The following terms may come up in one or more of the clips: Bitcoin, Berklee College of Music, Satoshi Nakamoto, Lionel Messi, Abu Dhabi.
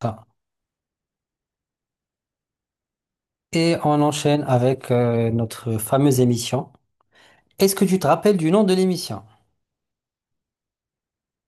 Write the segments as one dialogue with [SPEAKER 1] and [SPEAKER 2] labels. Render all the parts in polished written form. [SPEAKER 1] Ah. Et on enchaîne avec notre fameuse émission. Est-ce que tu te rappelles du nom de l'émission?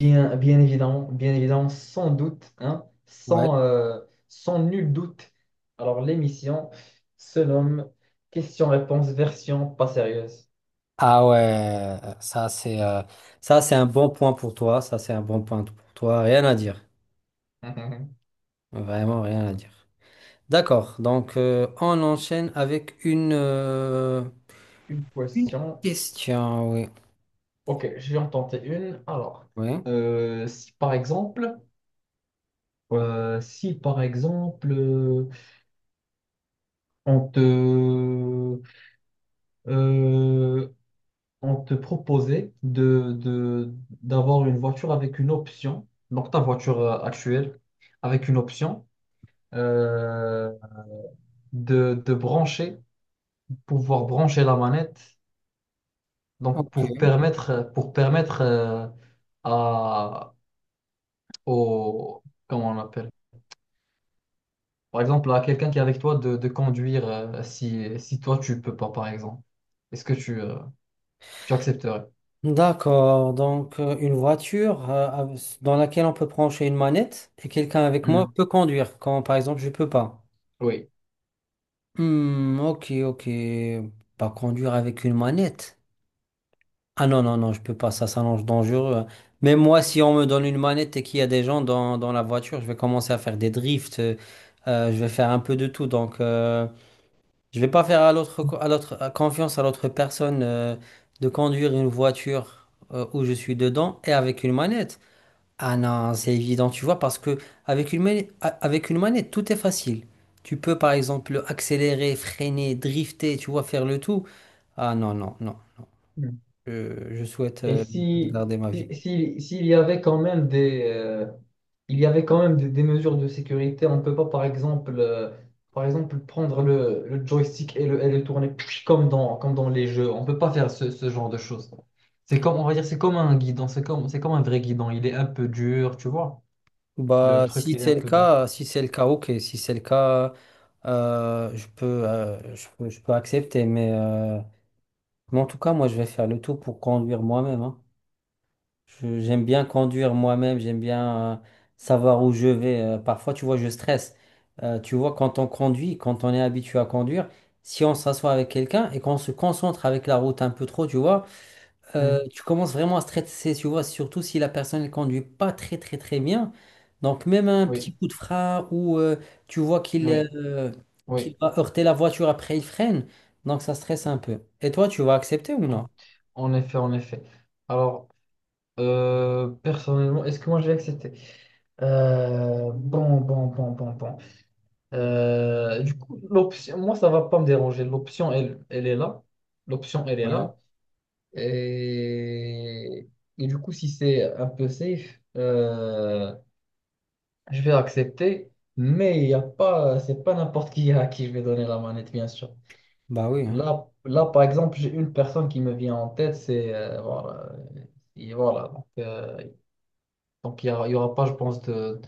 [SPEAKER 2] Bien, bien évident, sans doute, hein,
[SPEAKER 1] Ouais.
[SPEAKER 2] sans nul doute. Alors, l'émission se nomme Question-réponse version pas sérieuse.
[SPEAKER 1] Ah ouais, ça c'est un bon point pour toi, ça c'est un bon point pour toi, rien à dire, vraiment rien à dire. D'accord, on enchaîne avec
[SPEAKER 2] Une
[SPEAKER 1] une
[SPEAKER 2] question.
[SPEAKER 1] question, oui,
[SPEAKER 2] Ok, je vais en tenter une. Alors,
[SPEAKER 1] oui,
[SPEAKER 2] si par exemple, euh, si par exemple, euh, on te, euh, on te proposait d'avoir une voiture avec une option, donc ta voiture actuelle, avec une option euh, de brancher, pouvoir brancher la manette, donc
[SPEAKER 1] ok.
[SPEAKER 2] pour permettre à, au, comment on appelle, par exemple, à quelqu'un qui est avec toi de conduire si toi tu peux pas, par exemple. Est-ce que tu accepterais?
[SPEAKER 1] D'accord, une voiture dans laquelle on peut brancher une manette et quelqu'un avec moi
[SPEAKER 2] Hmm.
[SPEAKER 1] peut conduire quand par exemple je peux pas.
[SPEAKER 2] Oui.
[SPEAKER 1] Hmm, ok, ok. Pas conduire avec une manette. Ah non, non, non, je peux pas, ça s'annonce dangereux. Mais moi, si on me donne une manette et qu'il y a des gens dans la voiture, je vais commencer à faire des drifts, je vais faire un peu de tout. Donc, je vais pas faire à à l'autre, à confiance à l'autre personne, de conduire une voiture, où je suis dedans et avec une manette. Ah non, c'est évident, tu vois, parce que avec une manette, tout est facile. Tu peux par exemple accélérer, freiner, drifter, tu vois, faire le tout. Ah non, non, non, non. Je souhaite
[SPEAKER 2] Et si,
[SPEAKER 1] garder ma vie.
[SPEAKER 2] s'il y avait quand même il y avait quand même des mesures de sécurité, on ne peut pas, par exemple prendre le joystick et et le tourner comme comme dans les jeux. On ne peut pas faire ce genre de choses. C'est comme, on va dire, c'est comme un guidon, c'est comme un vrai guidon. Il est un peu dur, tu vois. Le
[SPEAKER 1] Bah,
[SPEAKER 2] truc,
[SPEAKER 1] si
[SPEAKER 2] il est un
[SPEAKER 1] c'est le
[SPEAKER 2] peu dur.
[SPEAKER 1] cas, si c'est le cas, ok. Si c'est le cas, je peux, je peux accepter. Mais en tout cas, moi, je vais faire le tout pour conduire moi-même, hein. J'aime bien conduire moi-même, j'aime bien savoir où je vais. Parfois, tu vois, je stresse. Tu vois, quand on conduit, quand on est habitué à conduire, si on s'assoit avec quelqu'un et qu'on se concentre avec la route un peu trop, tu vois,
[SPEAKER 2] Hmm.
[SPEAKER 1] tu commences vraiment à stresser, tu vois, surtout si la personne ne conduit pas très, très, très bien. Donc, même un
[SPEAKER 2] Oui,
[SPEAKER 1] petit coup de frein ou tu vois
[SPEAKER 2] oui,
[SPEAKER 1] qu'il
[SPEAKER 2] oui.
[SPEAKER 1] va heurter la voiture après, il freine. Donc, ça stresse un peu. Et toi, tu vas accepter ou
[SPEAKER 2] En
[SPEAKER 1] non?
[SPEAKER 2] en effet. Alors, personnellement, est-ce que moi je vais accepter? Bon, bon, bon, bon, bon. Du coup, l'option, moi, ça va pas me déranger. L'option, elle est là. L'option, elle est
[SPEAKER 1] Ouais.
[SPEAKER 2] là. Et, et du coup, si c'est un peu safe, je vais accepter. Mais il y a pas, c'est pas n'importe qui à qui je vais donner la manette, bien sûr.
[SPEAKER 1] Bah oui, hein.
[SPEAKER 2] Là, là, par exemple, j'ai une personne qui me vient en tête, c'est voilà, et voilà. Donc, il y aura pas, je pense, de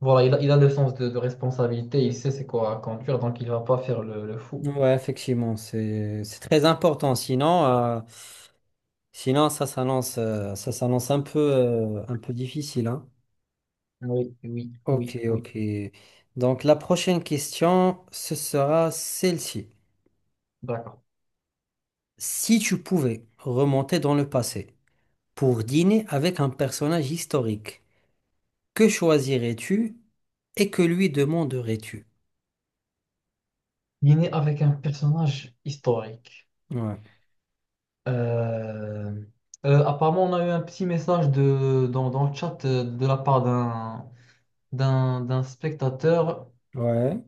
[SPEAKER 2] voilà, il a le sens de responsabilité, il sait c'est quoi à conduire, donc il va pas faire le fou.
[SPEAKER 1] Ouais, effectivement, c'est très important. Sinon, sinon ça s'annonce un peu un peu difficile, hein.
[SPEAKER 2] Oui, oui, oui,
[SPEAKER 1] Ok,
[SPEAKER 2] oui,
[SPEAKER 1] ok. Donc la prochaine question, ce sera celle-ci.
[SPEAKER 2] d'accord.
[SPEAKER 1] Si tu pouvais remonter dans le passé pour dîner avec un personnage historique, que choisirais-tu et que lui demanderais-tu?
[SPEAKER 2] Il est né avec un personnage historique.
[SPEAKER 1] Ouais.
[SPEAKER 2] Euh, apparemment, on a eu un petit message dans le chat de la part d'un d'un spectateur.
[SPEAKER 1] Ouais.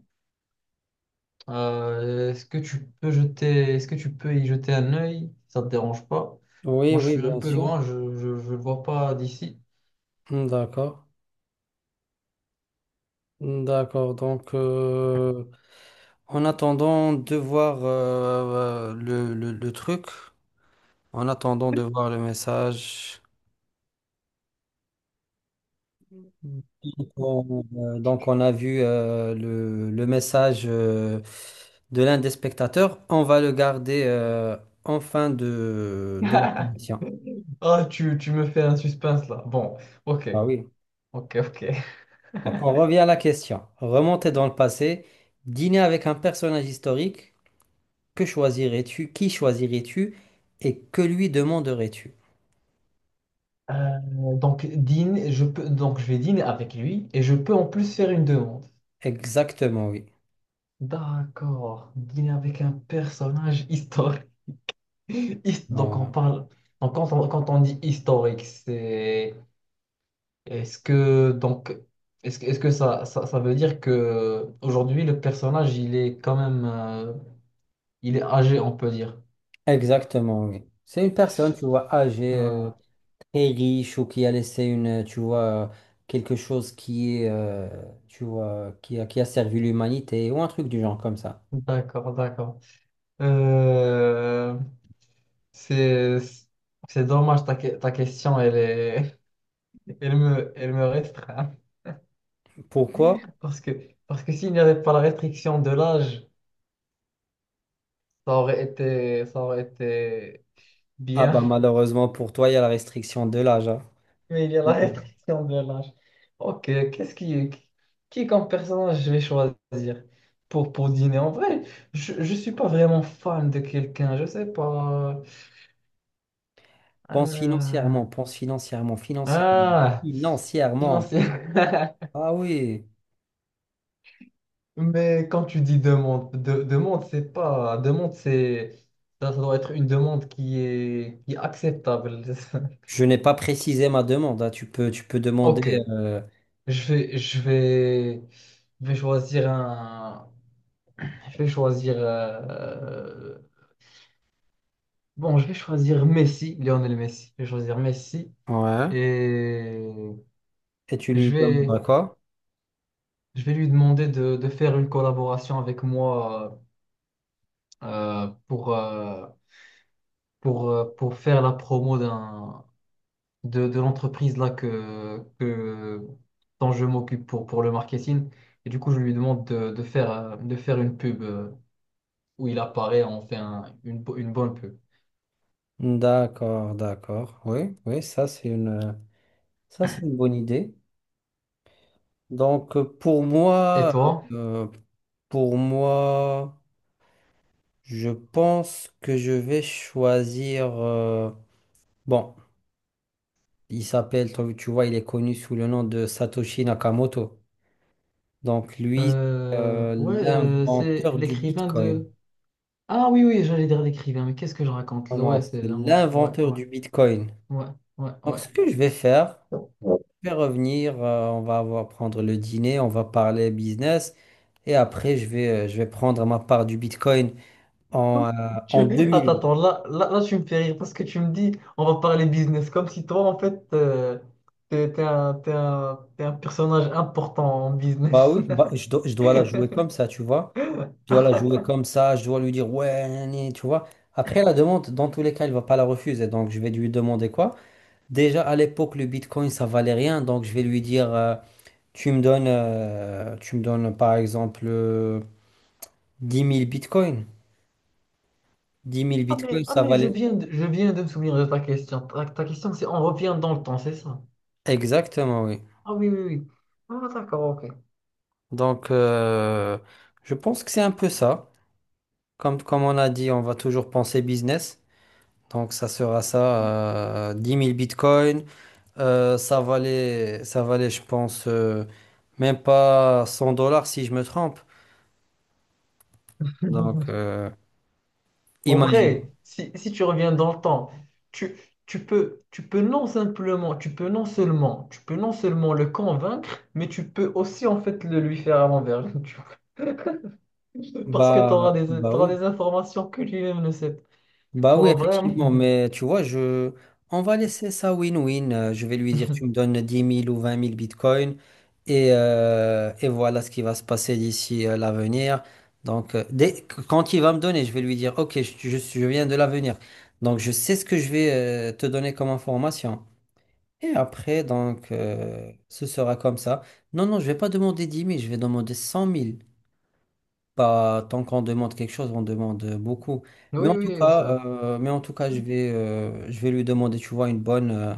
[SPEAKER 2] Est-ce que est-ce que tu peux y jeter un œil? Ça te dérange pas?
[SPEAKER 1] Oui,
[SPEAKER 2] Moi, je
[SPEAKER 1] oui,
[SPEAKER 2] suis un
[SPEAKER 1] bien
[SPEAKER 2] peu
[SPEAKER 1] sûr.
[SPEAKER 2] loin, je le vois pas d'ici.
[SPEAKER 1] Hmm, d'accord. D'accord, en attendant de voir le truc, en attendant de voir le message, donc on, donc on a vu le message de l'un des spectateurs, on va le garder en fin de l'entretien.
[SPEAKER 2] Ah, tu me fais un suspense là. Bon, ok,
[SPEAKER 1] Ah oui,
[SPEAKER 2] ok.
[SPEAKER 1] donc on revient à la question. Remonter dans le passé, dîner avec un personnage historique. Que choisirais-tu? Qui choisirais-tu? Et que lui demanderais-tu?
[SPEAKER 2] Euh, donc, dîne, je peux, donc, je vais dîner avec lui et je peux en plus faire une demande.
[SPEAKER 1] Exactement, oui.
[SPEAKER 2] D'accord, dîner avec un personnage historique. His- Donc, on
[SPEAKER 1] Voilà.
[SPEAKER 2] parle. Donc, quand on dit historique, c'est. Est-ce que donc est-ce que ça veut dire que aujourd'hui le personnage il est quand même il est âgé on peut dire.
[SPEAKER 1] Exactement, oui. C'est une personne, tu vois, âgée,
[SPEAKER 2] Ah,
[SPEAKER 1] très riche ou qui a laissé tu vois, quelque chose qui est, tu vois, qui a servi l'humanité ou un truc du genre comme ça.
[SPEAKER 2] d'accord, d'accord. Euh, c'est c'est dommage ta question elle est elle me restreint
[SPEAKER 1] Pourquoi?
[SPEAKER 2] parce que parce que s'il n'y avait pas la restriction de l'âge ça aurait été
[SPEAKER 1] Ah
[SPEAKER 2] bien.
[SPEAKER 1] bah malheureusement pour toi, il y a la restriction de l'âge, hein.
[SPEAKER 2] Mais il y a la restriction de l'âge. Ok, qui comme personnage je vais choisir pour dîner? En vrai, je ne suis pas vraiment fan de quelqu'un, je sais pas. Euh,
[SPEAKER 1] Pense financièrement, financièrement,
[SPEAKER 2] Ah,
[SPEAKER 1] financièrement.
[SPEAKER 2] financier.
[SPEAKER 1] Ah oui.
[SPEAKER 2] Mais quand tu dis demande, demande, c'est pas. Demande, c'est. Ça doit être une demande qui est acceptable.
[SPEAKER 1] Je n'ai pas précisé ma demande, hein. Tu peux demander
[SPEAKER 2] Ok,
[SPEAKER 1] euh,
[SPEAKER 2] je vais, je vais, je vais choisir un. Je vais choisir. Bon, je vais choisir Messi, Lionel Messi. Je vais choisir Messi
[SPEAKER 1] Ouais.
[SPEAKER 2] et
[SPEAKER 1] Et tu lui
[SPEAKER 2] je
[SPEAKER 1] demandes
[SPEAKER 2] vais,
[SPEAKER 1] quoi?
[SPEAKER 2] je vais lui demander de faire une collaboration avec moi euh, pour, euh, pour faire la promo de l'entreprise là dont je m'occupe pour le marketing. Et du coup, je lui demande de faire une pub où il apparaît, on fait une bonne pub.
[SPEAKER 1] D'accord, d'accord. Oui, oui, ça c'est une bonne idée. Pour
[SPEAKER 2] Et
[SPEAKER 1] moi,
[SPEAKER 2] toi?
[SPEAKER 1] euh, pour moi, je pense que je vais choisir, bon, il s'appelle, tu vois, il est connu sous le nom de Satoshi Nakamoto. Donc lui, euh,
[SPEAKER 2] Ouais, c'est
[SPEAKER 1] l'inventeur du
[SPEAKER 2] l'écrivain
[SPEAKER 1] Bitcoin.
[SPEAKER 2] de… Ah oui, oui, j'allais dire l'écrivain, mais qu'est-ce que je raconte
[SPEAKER 1] Oh
[SPEAKER 2] là?
[SPEAKER 1] non,
[SPEAKER 2] Ouais, c'est
[SPEAKER 1] c'est
[SPEAKER 2] l'invent. Ouais,
[SPEAKER 1] l'inventeur
[SPEAKER 2] ouais,
[SPEAKER 1] du Bitcoin.
[SPEAKER 2] ouais, ouais,
[SPEAKER 1] Donc,
[SPEAKER 2] ouais.
[SPEAKER 1] ce que je vais faire, je vais revenir, on va avoir, prendre le dîner, on va parler business, et après, je vais prendre ma part du Bitcoin
[SPEAKER 2] Ouais.
[SPEAKER 1] en,
[SPEAKER 2] Tu-
[SPEAKER 1] en
[SPEAKER 2] Attends,
[SPEAKER 1] 2008.
[SPEAKER 2] attends, là, là, là, tu me fais rire parce que tu me dis, on va parler business, comme si toi, en fait, t'es un personnage important en
[SPEAKER 1] Bah
[SPEAKER 2] business.
[SPEAKER 1] oui, bah, dois je dois la jouer comme ça, tu vois. Je dois la jouer comme ça, je dois lui dire, ouais, nani, tu vois. Après, la demande, dans tous les cas, il va pas la refuser, donc je vais lui demander quoi? Déjà, à l'époque, le Bitcoin, ça valait rien, donc je vais lui dire, tu me donnes, par exemple, 10 000 Bitcoins. 10 000
[SPEAKER 2] Ah
[SPEAKER 1] bitcoins,
[SPEAKER 2] mais,
[SPEAKER 1] ça valait,
[SPEAKER 2] je viens de me souvenir de ta question. Ta question, c'est on revient dans le temps, c'est ça?
[SPEAKER 1] exactement, oui.
[SPEAKER 2] Ah oui, oui, oui. Ah d'accord, ok.
[SPEAKER 1] Donc, je pense que c'est un peu ça. Comme, comme on a dit, on va toujours penser business. Donc, ça sera ça, 10 000 bitcoins. Ça valait, ça valait, je pense, même pas 100 dollars si je me trompe. Donc,
[SPEAKER 2] En
[SPEAKER 1] imagine.
[SPEAKER 2] vrai, si tu reviens dans le temps, tu, tu peux non simplement, tu peux non seulement, tu peux non seulement le convaincre, mais tu peux aussi en fait le lui faire à l'envers. Tu vois. Parce que
[SPEAKER 1] Bah, bah
[SPEAKER 2] t'auras des
[SPEAKER 1] oui.
[SPEAKER 2] informations que lui-même ne sait pas.
[SPEAKER 1] Bah oui,
[SPEAKER 2] Pour vraiment.
[SPEAKER 1] effectivement, mais tu vois, je... on va laisser ça win-win. Je vais lui dire, tu me donnes dix mille ou vingt mille bitcoins et voilà ce qui va se passer d'ici l'avenir. Donc, dès... quand il va me donner, je vais lui dire, OK, je viens de l'avenir. Donc, je sais ce que je vais te donner comme information. Et après, donc, ce sera comme ça. Non, non, je vais pas demander 10 000, je vais demander 100 000. Bah, tant qu'on demande quelque chose, on demande beaucoup. Mais
[SPEAKER 2] Oui,
[SPEAKER 1] en tout
[SPEAKER 2] oui,
[SPEAKER 1] cas,
[SPEAKER 2] ça.
[SPEAKER 1] mais en tout cas, je vais lui demander, tu vois, une bonne,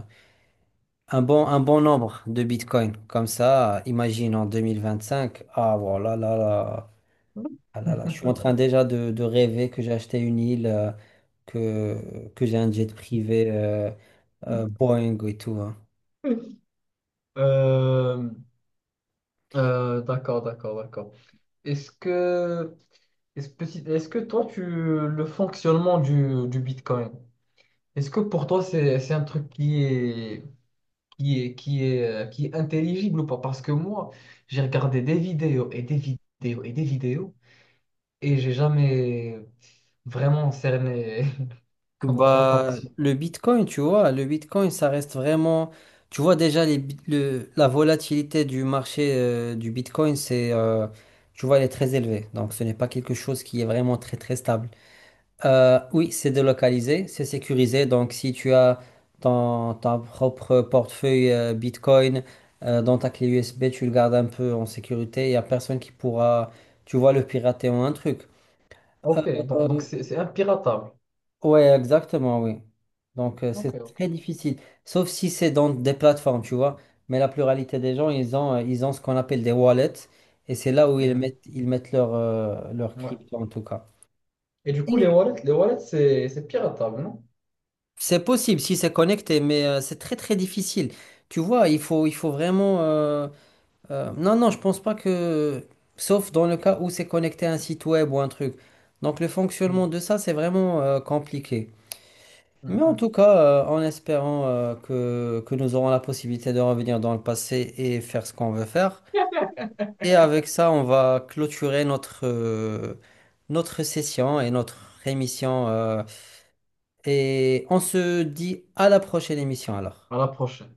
[SPEAKER 1] un bon nombre de bitcoins. Comme ça, imagine en 2025, ah voilà, là, là, ah là, là, je suis en train déjà de rêver que j'ai acheté une île, que j'ai un jet privé, Boeing et tout, hein.
[SPEAKER 2] Euh, d'accord, d'accord, d'accord. Est-ce que, est-ce que toi, tu, le fonctionnement du Bitcoin, est-ce que pour toi, c'est un truc qui est, qui est, qui est intelligible ou pas? Parce que moi, j'ai regardé des vidéos et des vidéos et des vidéos et j'ai jamais vraiment cerné comment ça
[SPEAKER 1] Bah,
[SPEAKER 2] fonctionne.
[SPEAKER 1] le Bitcoin, tu vois, le Bitcoin, ça reste vraiment. Tu vois déjà les la volatilité du marché du Bitcoin, c'est, tu vois, elle est très élevée. Donc, ce n'est pas quelque chose qui est vraiment très très stable. Oui, c'est délocalisé, c'est sécurisé. Donc, si tu as ton propre portefeuille Bitcoin dans ta clé USB, tu le gardes un peu en sécurité. Il n'y a personne qui pourra, tu vois, le pirater ou un truc.
[SPEAKER 2] Ok, donc, c'est impiratable.
[SPEAKER 1] Ouais, exactement, oui. Donc,
[SPEAKER 2] Ok,
[SPEAKER 1] c'est
[SPEAKER 2] ok.
[SPEAKER 1] très difficile. Sauf si c'est dans des plateformes, tu vois. Mais la pluralité des gens, ils ont ce qu'on appelle des wallets. Et c'est là où
[SPEAKER 2] Hmm,
[SPEAKER 1] ils mettent leur, leur
[SPEAKER 2] ouais.
[SPEAKER 1] crypto, en tout cas.
[SPEAKER 2] Et du coup,
[SPEAKER 1] Et
[SPEAKER 2] les wallets, c'est piratable, non?
[SPEAKER 1] C'est possible si c'est connecté, mais c'est très, très difficile. Tu vois, il faut vraiment... non, non, je pense pas que... Sauf dans le cas où c'est connecté à un site web ou un truc. Donc, le
[SPEAKER 2] Hmm,
[SPEAKER 1] fonctionnement de ça, c'est vraiment compliqué.
[SPEAKER 2] hmm,
[SPEAKER 1] Mais en
[SPEAKER 2] hmm.
[SPEAKER 1] tout cas, en espérant que nous aurons la possibilité de revenir dans le passé et faire ce qu'on veut faire. Et avec ça, on va clôturer notre, notre session et notre émission, et on se dit à la prochaine émission alors.
[SPEAKER 2] À la prochaine.